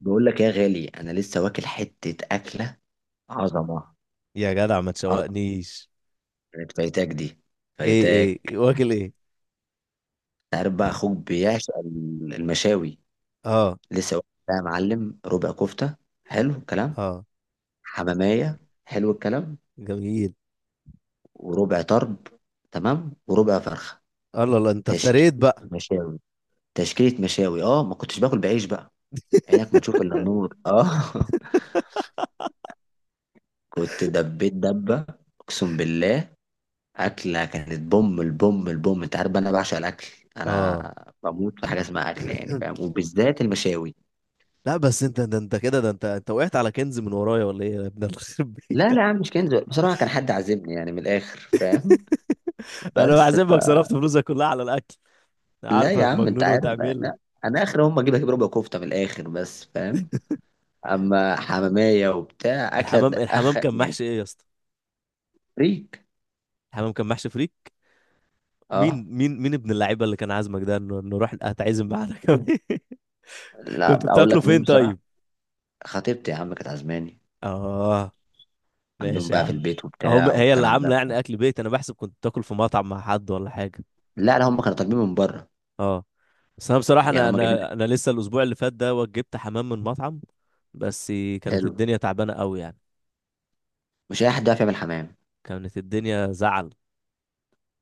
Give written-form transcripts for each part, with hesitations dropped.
بقول لك يا غالي، انا لسه واكل حته اكله. عظمه. يا جدع، ما عظمه تشوقنيش. كانت فايتاك دي، ايه فايتاك. ايه واكل ايه؟ تعرف بقى اخوك بيعشق المشاوي. اه. لسه واكل بقى يا معلم ربع كفته. حلو الكلام. اه. حماميه. حلو الكلام. جميل. وربع طرب. تمام، وربع فرخه. الله الله، انت افتريت تشكيله بقى. مشاوي. تشكيله مشاوي، اه ما كنتش باكل بعيش بقى. عينك ما تشوف الا النور اه. كنت دبيت دبه. اقسم بالله. أكلة كانت بوم البوم البوم، أنت عارف بقى أنا بعشق الأكل. اه. أنا بموت في حاجة اسمها أكل يعني فاهم، وبالذات المشاوي. لا، بس انت ده انت كده ده انت انت وقعت على كنز من ورايا ولا ايه يا ابن الخرب لا لا بيتك؟ يا عم، مش كنز، بصراحة كان حد عازمني يعني، من الآخر فاهم. انا بس ف... بحسبك صرفت فلوسك كلها على الاكل. أنا لا يا عارفك عم أنت مجنون عارف وتعمل. أنا. أنا آخر هم أجيب ربع كفتة من الآخر بس فاهم. أما حمامية وبتاع أكلة، الحمام أخ كان يعني. محشي ايه يا اسطى؟ فريك. الحمام كان محشي فريك؟ أه. مين ابن اللعيبه اللي كان عازمك ده، إنه نروح هتعزم معانا كمان؟ كنت لا أقول بتاكله لك مين فين بصراحة. طيب؟ خطيبتي يا عم كانت عازماني. اه. عندهم ماشي يا بقى في عم. البيت هم، وبتاع هي اللي والكلام ده. عامله يعني اكل بيت؟ انا بحسب كنت تاكل في مطعم مع حد ولا حاجه. لا لا هم كانوا طالبين من بره. اه. بس انا بصراحه يعني انا هم جايبين. انا انا لسه الاسبوع اللي فات ده وجبت حمام من مطعم. بس. كانت حلو. الدنيا تعبانه قوي يعني. مش اي حد يعرف يعمل حمام. كانت الدنيا زعل.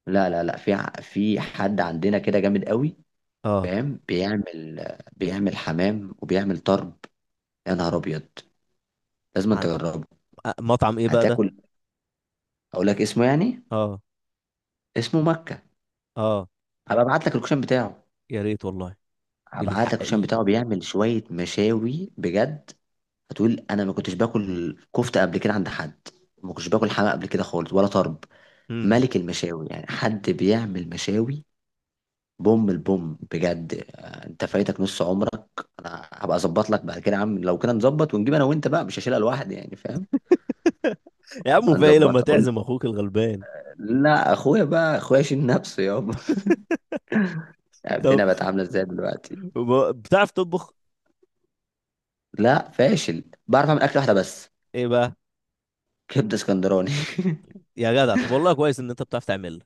لا لا لا، في في حد عندنا كده جامد قوي. اه. فاهم، بيعمل. بيعمل حمام وبيعمل طرب. يا نهار ابيض. لازم أنت ع- تجربه. مطعم ايه بقى ده؟ هتاكل. اقول لك اسمه يعني. اه. اسمه مكة. اه. هبقى ابعت لك الكشان بتاعه. يا ريت والله. هبعت بالحق لك الكشان بتاعه، بيعمل شوية مشاوي بجد. هتقول انا ما كنتش باكل كفتة قبل كده عند حد. ما كنتش باكل حمام قبل كده خالص ولا طرب. مم. ملك المشاوي يعني، حد بيعمل مشاوي بوم البوم بجد. انت فايتك نص عمرك. انا هبقى اظبط لك بعد كده يا عم، لو كده نظبط ونجيب انا وانت بقى، مش هشيلها لوحدي يعني فاهم. يا عم، نبقى في ايه لما نظبطها، قول. تعزم اخوك الغلبان؟ لا اخويا بقى اخويا شيل نفسه يابا. طب، الدنيا بقت عامله ازاي دلوقتي؟ بتعرف تطبخ؟ لا فاشل، بعرف اعمل اكله واحده بس. ايه بقى؟ كبده اسكندراني. يا جدع، طب والله كويس ان انت بتعرف تعمل.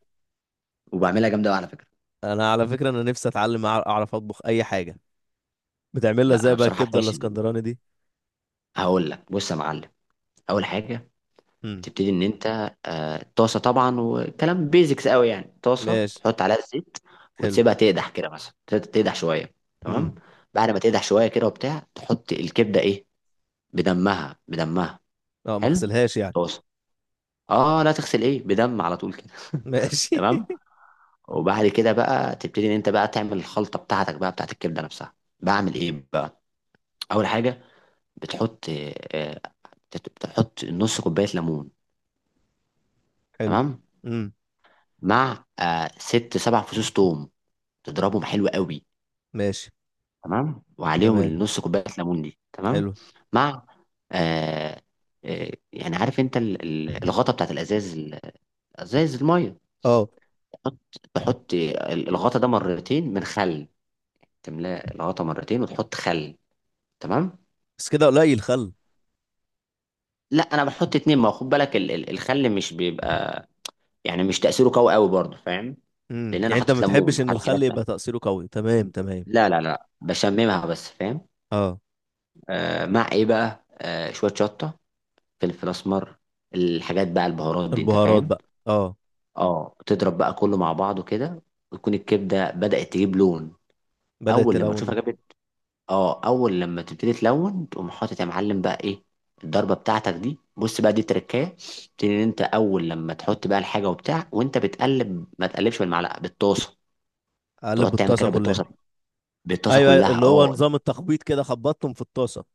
وبعملها جامده أوي على فكره. انا على فكره، انا نفسي اتعلم، اعرف اطبخ اي حاجه. بتعمل لها لا ازاي انا بقى بصراحه الكبده فاشل. الاسكندراني دي؟ هقول لك بص يا معلم. اول حاجه، امم بتبتدي ان انت، طاسه طبعا، وكلام بيزكس قوي، يعني طاسه ماشي. تحط عليها الزيت. حلو. وتسيبها تقدح كده، مثلا تسيبها تقدح شويه. امم. تمام. بعد ما تقدح شويه كده وبتاع، تحط الكبده ايه، بدمها بدمها. اه، ما حلو. اغسلهاش يعني. طاسه. اه لا تغسل، ايه، بدم على طول كده ماشي. تمام. وبعد كده بقى تبتدي ان انت بقى تعمل الخلطه بتاعتك بقى بتاعت الكبده نفسها. بعمل ايه بقى؟ اول حاجه، بتحط، آه، بتحط نص كوبايه ليمون. حلو. تمام. امم. مع ست سبع فصوص توم. تضربهم حلو قوي. ماشي. تمام، وعليهم تمام. النص كوبايه ليمون دي. تمام. حلو. مع، آه يعني عارف انت الغطا بتاعت الازاز، ازاز الميه. اه. تحط، تحط الغطا ده مرتين من خل. تملاه الغطا مرتين وتحط خل. تمام. بس كده قليل الخل. لا انا بحط اتنين، ما هو خد بالك الخل مش بيبقى، يعني مش تاثيره قوي قوي برضه فاهم. لان انا يعني انت ما حاطط ليمون بتحبش ان وحاطط الخل حاجات يبقى تانية. تأثيره قوي، تمام تمام. لا لا لا بشممها بس فاهم. اه. آه، مع ايه بقى، آه شويه شطه، فلفل اسمر، الحاجات بقى البهارات دي انت البهارات فاهم. بقى. اه. اه، تضرب بقى كله مع بعضه كده، وتكون الكبده بدات تجيب لون. بدأت اول لما تشوفها تلون. جابت، اه، اول لما تبتدي تلون تقوم حاطط يا معلم بقى ايه، الضربه بتاعتك دي. بص بقى دي تركايه. تبتدي ان انت اول لما تحط بقى الحاجه وبتاع، وانت بتقلب ما تقلبش بالمعلقه، بالطاسه. اقلب تقعد تعمل الطاسه كده كلها. بالطاسه. بالطاسه ايوه ايوه، كلها اللي هو اه. نظام التخبيط كده، خبطتهم في الطاسه.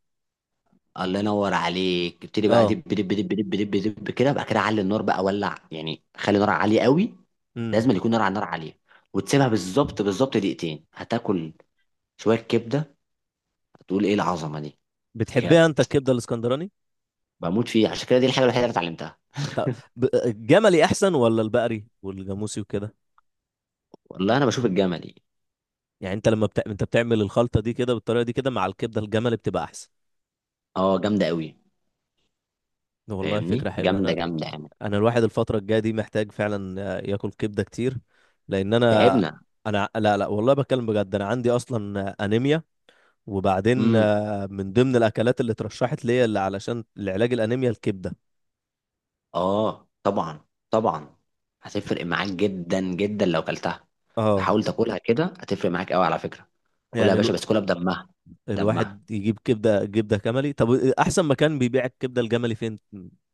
الله ينور عليك. ابتدي بقى اه. دب دب دب دب دب دب كده بقى، كده علي النار بقى، ولع يعني خلي النار عاليه قوي. امم. لازم يكون نار على النار عاليه. وتسيبها بالظبط بالظبط دقيقتين، هتاكل شويه كبده، هتقول ايه العظمه دي. بتحبها بجد، انت الكبده الاسكندراني؟ بموت فيه، عشان كده دي الحاجه الوحيده اللي اتعلمتها. طب، الجملي احسن ولا البقري والجاموسي وكده؟ والله انا بشوف الجمل دي. يعني انت لما انت بتعمل الخلطه دي كده بالطريقه دي كده مع الكبده الجملي بتبقى احسن؟ اه جامده قوي. والله فاهمني فكره حلوه. جامده انا جامده يعني. انا الواحد الفتره الجايه دي محتاج فعلا ياكل كبده كتير، لان انا تعبنا. انا لا لا، والله بتكلم بجد، انا عندي اصلا انيميا. وبعدين من ضمن الاكلات اللي اترشحت ليا اللي علشان لعلاج الانيميا الكبده. اه طبعا. طبعا. هتفرق معاك جدا جدا لو كلتها. اه. فحاول تاكلها كده، هتفرق معاك قوي على فكره. كلها يا يعني باشا، بس كلها بدمها. بدمها. الواحد يجيب كبده جملي. طب، احسن مكان بيبيع الكبده الجملي فين؟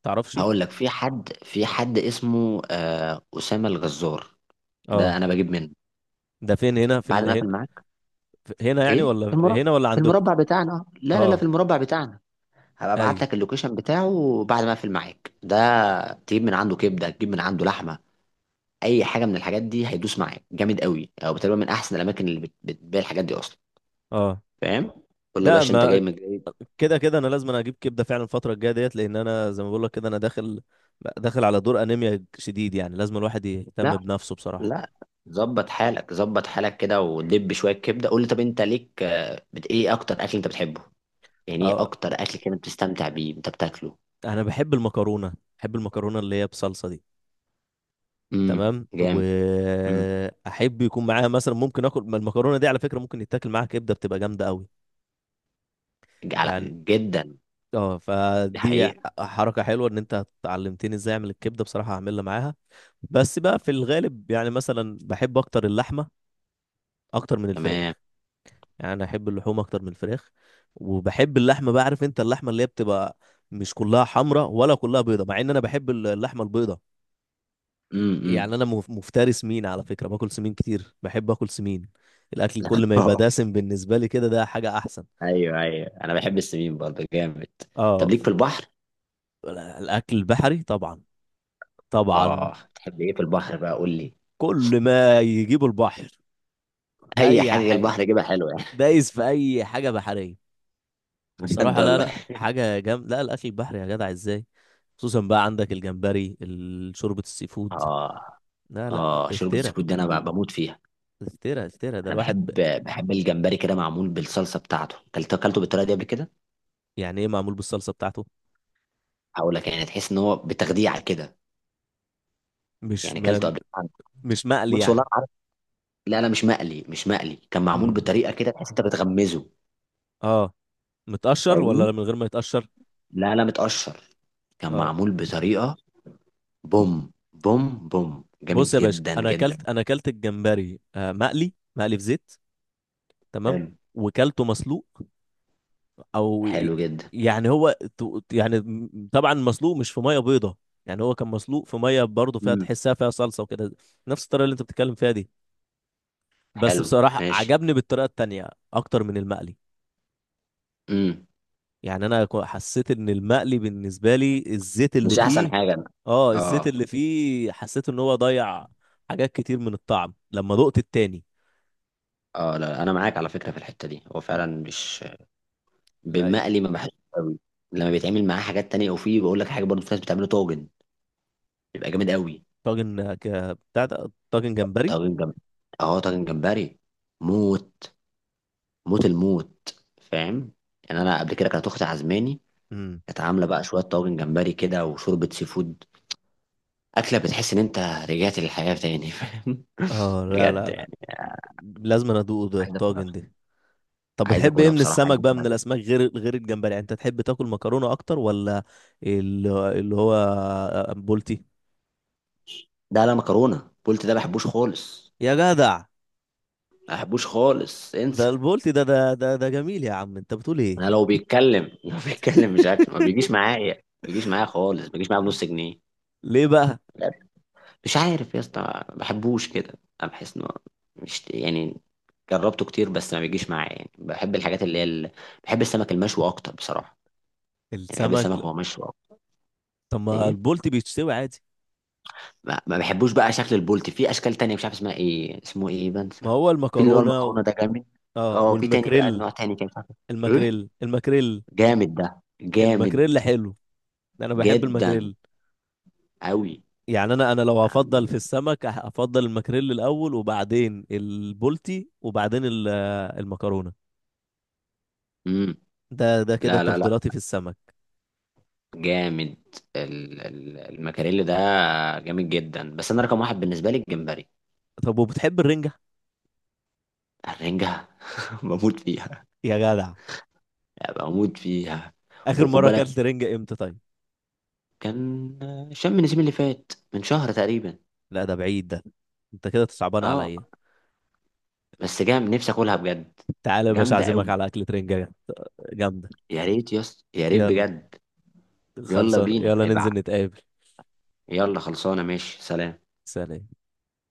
تعرفش؟ هقول لك، في حد اسمه اسامه الغزار. ده اه. انا بجيب منه. ده فين، هنا بعد ما اقفل هنا؟ معاك. هنا يعني، ايه، في ولا المربع. هنا، ولا في عندكم؟ المربع بتاعنا، لا لا لا، في اه. المربع بتاعنا. هبقى ابعت ايوه. لك اللوكيشن بتاعه بعد ما اقفل معاك ده. تجيب من عنده كبده، تجيب من عنده لحمه. اي حاجه من الحاجات دي هيدوس معاك جامد قوي، او تقريبا من احسن الاماكن اللي بتبيع الحاجات دي اصلا. اه. فاهم. قول له يا ده، باشا انت جاي ما من جاي. كده كده انا لازم اجيب كبده فعلا الفتره الجايه ديت، لان انا زي ما بقول لك كده انا داخل على دور انيميا شديد، يعني لازم الواحد يهتم لا بنفسه بصراحه. لا، ظبط حالك، ظبط حالك كده، ودب شويه كبده. قول له طب انت ليك ايه اكتر اكل انت بتحبه؟ يعني ايه أه، اكتر اكل كده بتستمتع بيه انت بتاكله؟ انا بحب المكرونه. بحب المكرونه اللي هي بصلصه دي. تمام، جامد. امم. واحب يكون معاها مثلا ممكن اكل. ما المكرونه دي على فكره ممكن يتاكل معاها كبده بتبقى جامده قوي على... يعني. جدا. اه، دي فدي حقيقه. حركه حلوه ان انت علمتني ازاي اعمل الكبده بصراحه، هعملها معاها. بس بقى في الغالب، يعني مثلا بحب اكتر اللحمه، اكتر من تمام. الفراخ. يعني انا احب اللحوم اكتر من الفراخ. وبحب اللحمه بقى، عارف انت اللحمه اللي هي بتبقى مش كلها حمراء ولا كلها بيضه، مع ان انا بحب اللحمه البيضه. امم. يعني انا مفتري سمين على فكره، باكل سمين كتير، بحب اكل سمين. الاكل كل ما يبقى دسم بالنسبه لي كده ده حاجه احسن. ايوه ايوه، انا بحب السمين برضه جامد. طب اه ليك في البحر. الاكل البحري طبعا. طبعا. اه تحب ايه في البحر بقى، قول لي. كل ما يجيبه البحر، اي اي حاجه حاجه. البحر جيبها حلوه يعني. دايس في اي حاجه بحريه. بجد بصراحة لا والله. لا، حاجة جامدة، لا الأكل البحري يا جدع ازاي! خصوصا بقى عندك الجمبري، شوربة السي فود. اه. لا لا، اه شوربه افترا، سكوت دي انا بموت فيها. افترا افترا، ده انا الواحد بحب، بحب الجمبري كده معمول بالصلصه بتاعته، كلت اكلته بالطريقه دي قبل كده. يعني ايه معمول بالصلصة بتاعته؟ هقول لك يعني تحس ان هو بتخديعه كده. مش يعني اكلته قبل كده. مش مقلي بص والله يعني؟ عارف. لا لا، مش مقلي، مش مقلي، كان معمول امم. بطريقه كده تحس انت بتغمزه. اه. متقشر فاهمني. ولا من غير ما يتقشر؟ لا لا، متقشر. كان اه. معمول بطريقه بوم. بوم بوم جامد بص يا باشا، جدا انا جدا. اكلت انا اكلت الجمبري، مقلي، مقلي في زيت. تمام. حلو. وكلته مسلوق. او حلو جدا. يعني هو طبعا مسلوق مش في ميه بيضه، يعني هو كان مسلوق في ميه برضه فيها، امم. تحسها فيها صلصه وكده. نفس الطريقه اللي انت بتتكلم فيها دي. بس حلو بصراحه ماشي. عجبني بالطريقه التانية اكتر من المقلي. امم. يعني انا حسيت ان المقلي بالنسبه لي الزيت اللي مش احسن فيه... حاجه. اه، الزيت اه. اللي فيه حسيت ان هو ضيع حاجات كتير من الطعم لما دقت التاني. اه لا انا معاك على فكره في الحته دي، هو فعلا مش لا. بالمقلي، ما بحبش قوي. لما بيتعمل معاه حاجات تانية، وفي بقول لك حاجة برضو، في ناس بتعمله طاجن، بيبقى جامد قوي. طاجن ك بتاع ده، طاجن جمبري. طاجن جمبري. اه طاجن جمبري. موت. موت الموت فاهم. يعني انا قبل كده كانت اختي عزماني. امم. كانت عامله بقى شويه طاجن جمبري كده وشوربه سي فود. اكله بتحس ان انت رجعت للحياه تاني فاهم، اه. لا بجد لا لا، يعني. لازم أنا ادوق ده عايز اكلها. الطاجن ده. طب، عايز بتحب ايه اكلها من بصراحه، السمك عايز بقى، اكلها من جدا. الاسماك، غير الجمبري؟ يعني انت تحب تاكل مكرونه اكتر، ولا اللي هو بولتي؟ ده لا، مكرونه قلت، ده ما بحبوش خالص. يا جدع، ما بحبوش خالص، ده انسى. البولتي ده جميل يا عم، انت بتقول ايه؟ انا لو بيتكلم، لو بيتكلم، مش عارف، ما بيجيش معايا، ما بيجيش معايا خالص، ما بيجيش معايا بنص جنيه. ليه بقى؟ بجد. مش عارف يا اسطى. ما بحبوش كده. انا بحس انه مش يعني، جربته كتير بس ما بيجيش معايا، يعني بحب الحاجات اللي هي بحب السمك المشوي اكتر بصراحه. يعني بحب السمك، السمك لا. وهو مشوي اكتر. طب ما ايه. البولتي بيتشوي عادي. ما بحبوش بقى شكل البولتي، في اشكال تانية مش عارف اسمها ايه، اسمه ايه، ما بنسى. هو في اللي هو المكرونه المكرونه ده جامد. اه، اه في تاني بقى والمكريل. نوع تاني كده مش عارف. ايه. المكريل المكريل جامد، ده جامد المكريل حلو. انا بحب جدا المكريل. قوي. يعني انا لو هفضل في السمك هفضل المكريل الاول، وبعدين البولتي، وبعدين المكرونه. امم. ده كده لا لا لا تفضيلاتي في السمك. جامد، المكاريلي ده جامد جدا، بس انا رقم واحد بالنسبه لي الجمبري. طب وبتحب الرنجة؟ الرنجه. بموت فيها. يا جدع، بموت فيها. آخر وخد مرة بالك، أكلت رنجة إمتى طيب؟ كان شم النسيم اللي فات من شهر تقريبا. لا ده بعيد ده. أنت كده تصعبان اه عليا. بس جام نفسي اكلها بجد. تعالى يا باشا، جامده أعزمك قوي. على أكلة رنجة. جامدة. يا ريت يس، يا ريت يلا، بجد. يلا خلصان، بينا يلا ابع ننزل نتقابل. يلا خلصانه، ماشي، سلام. سلام.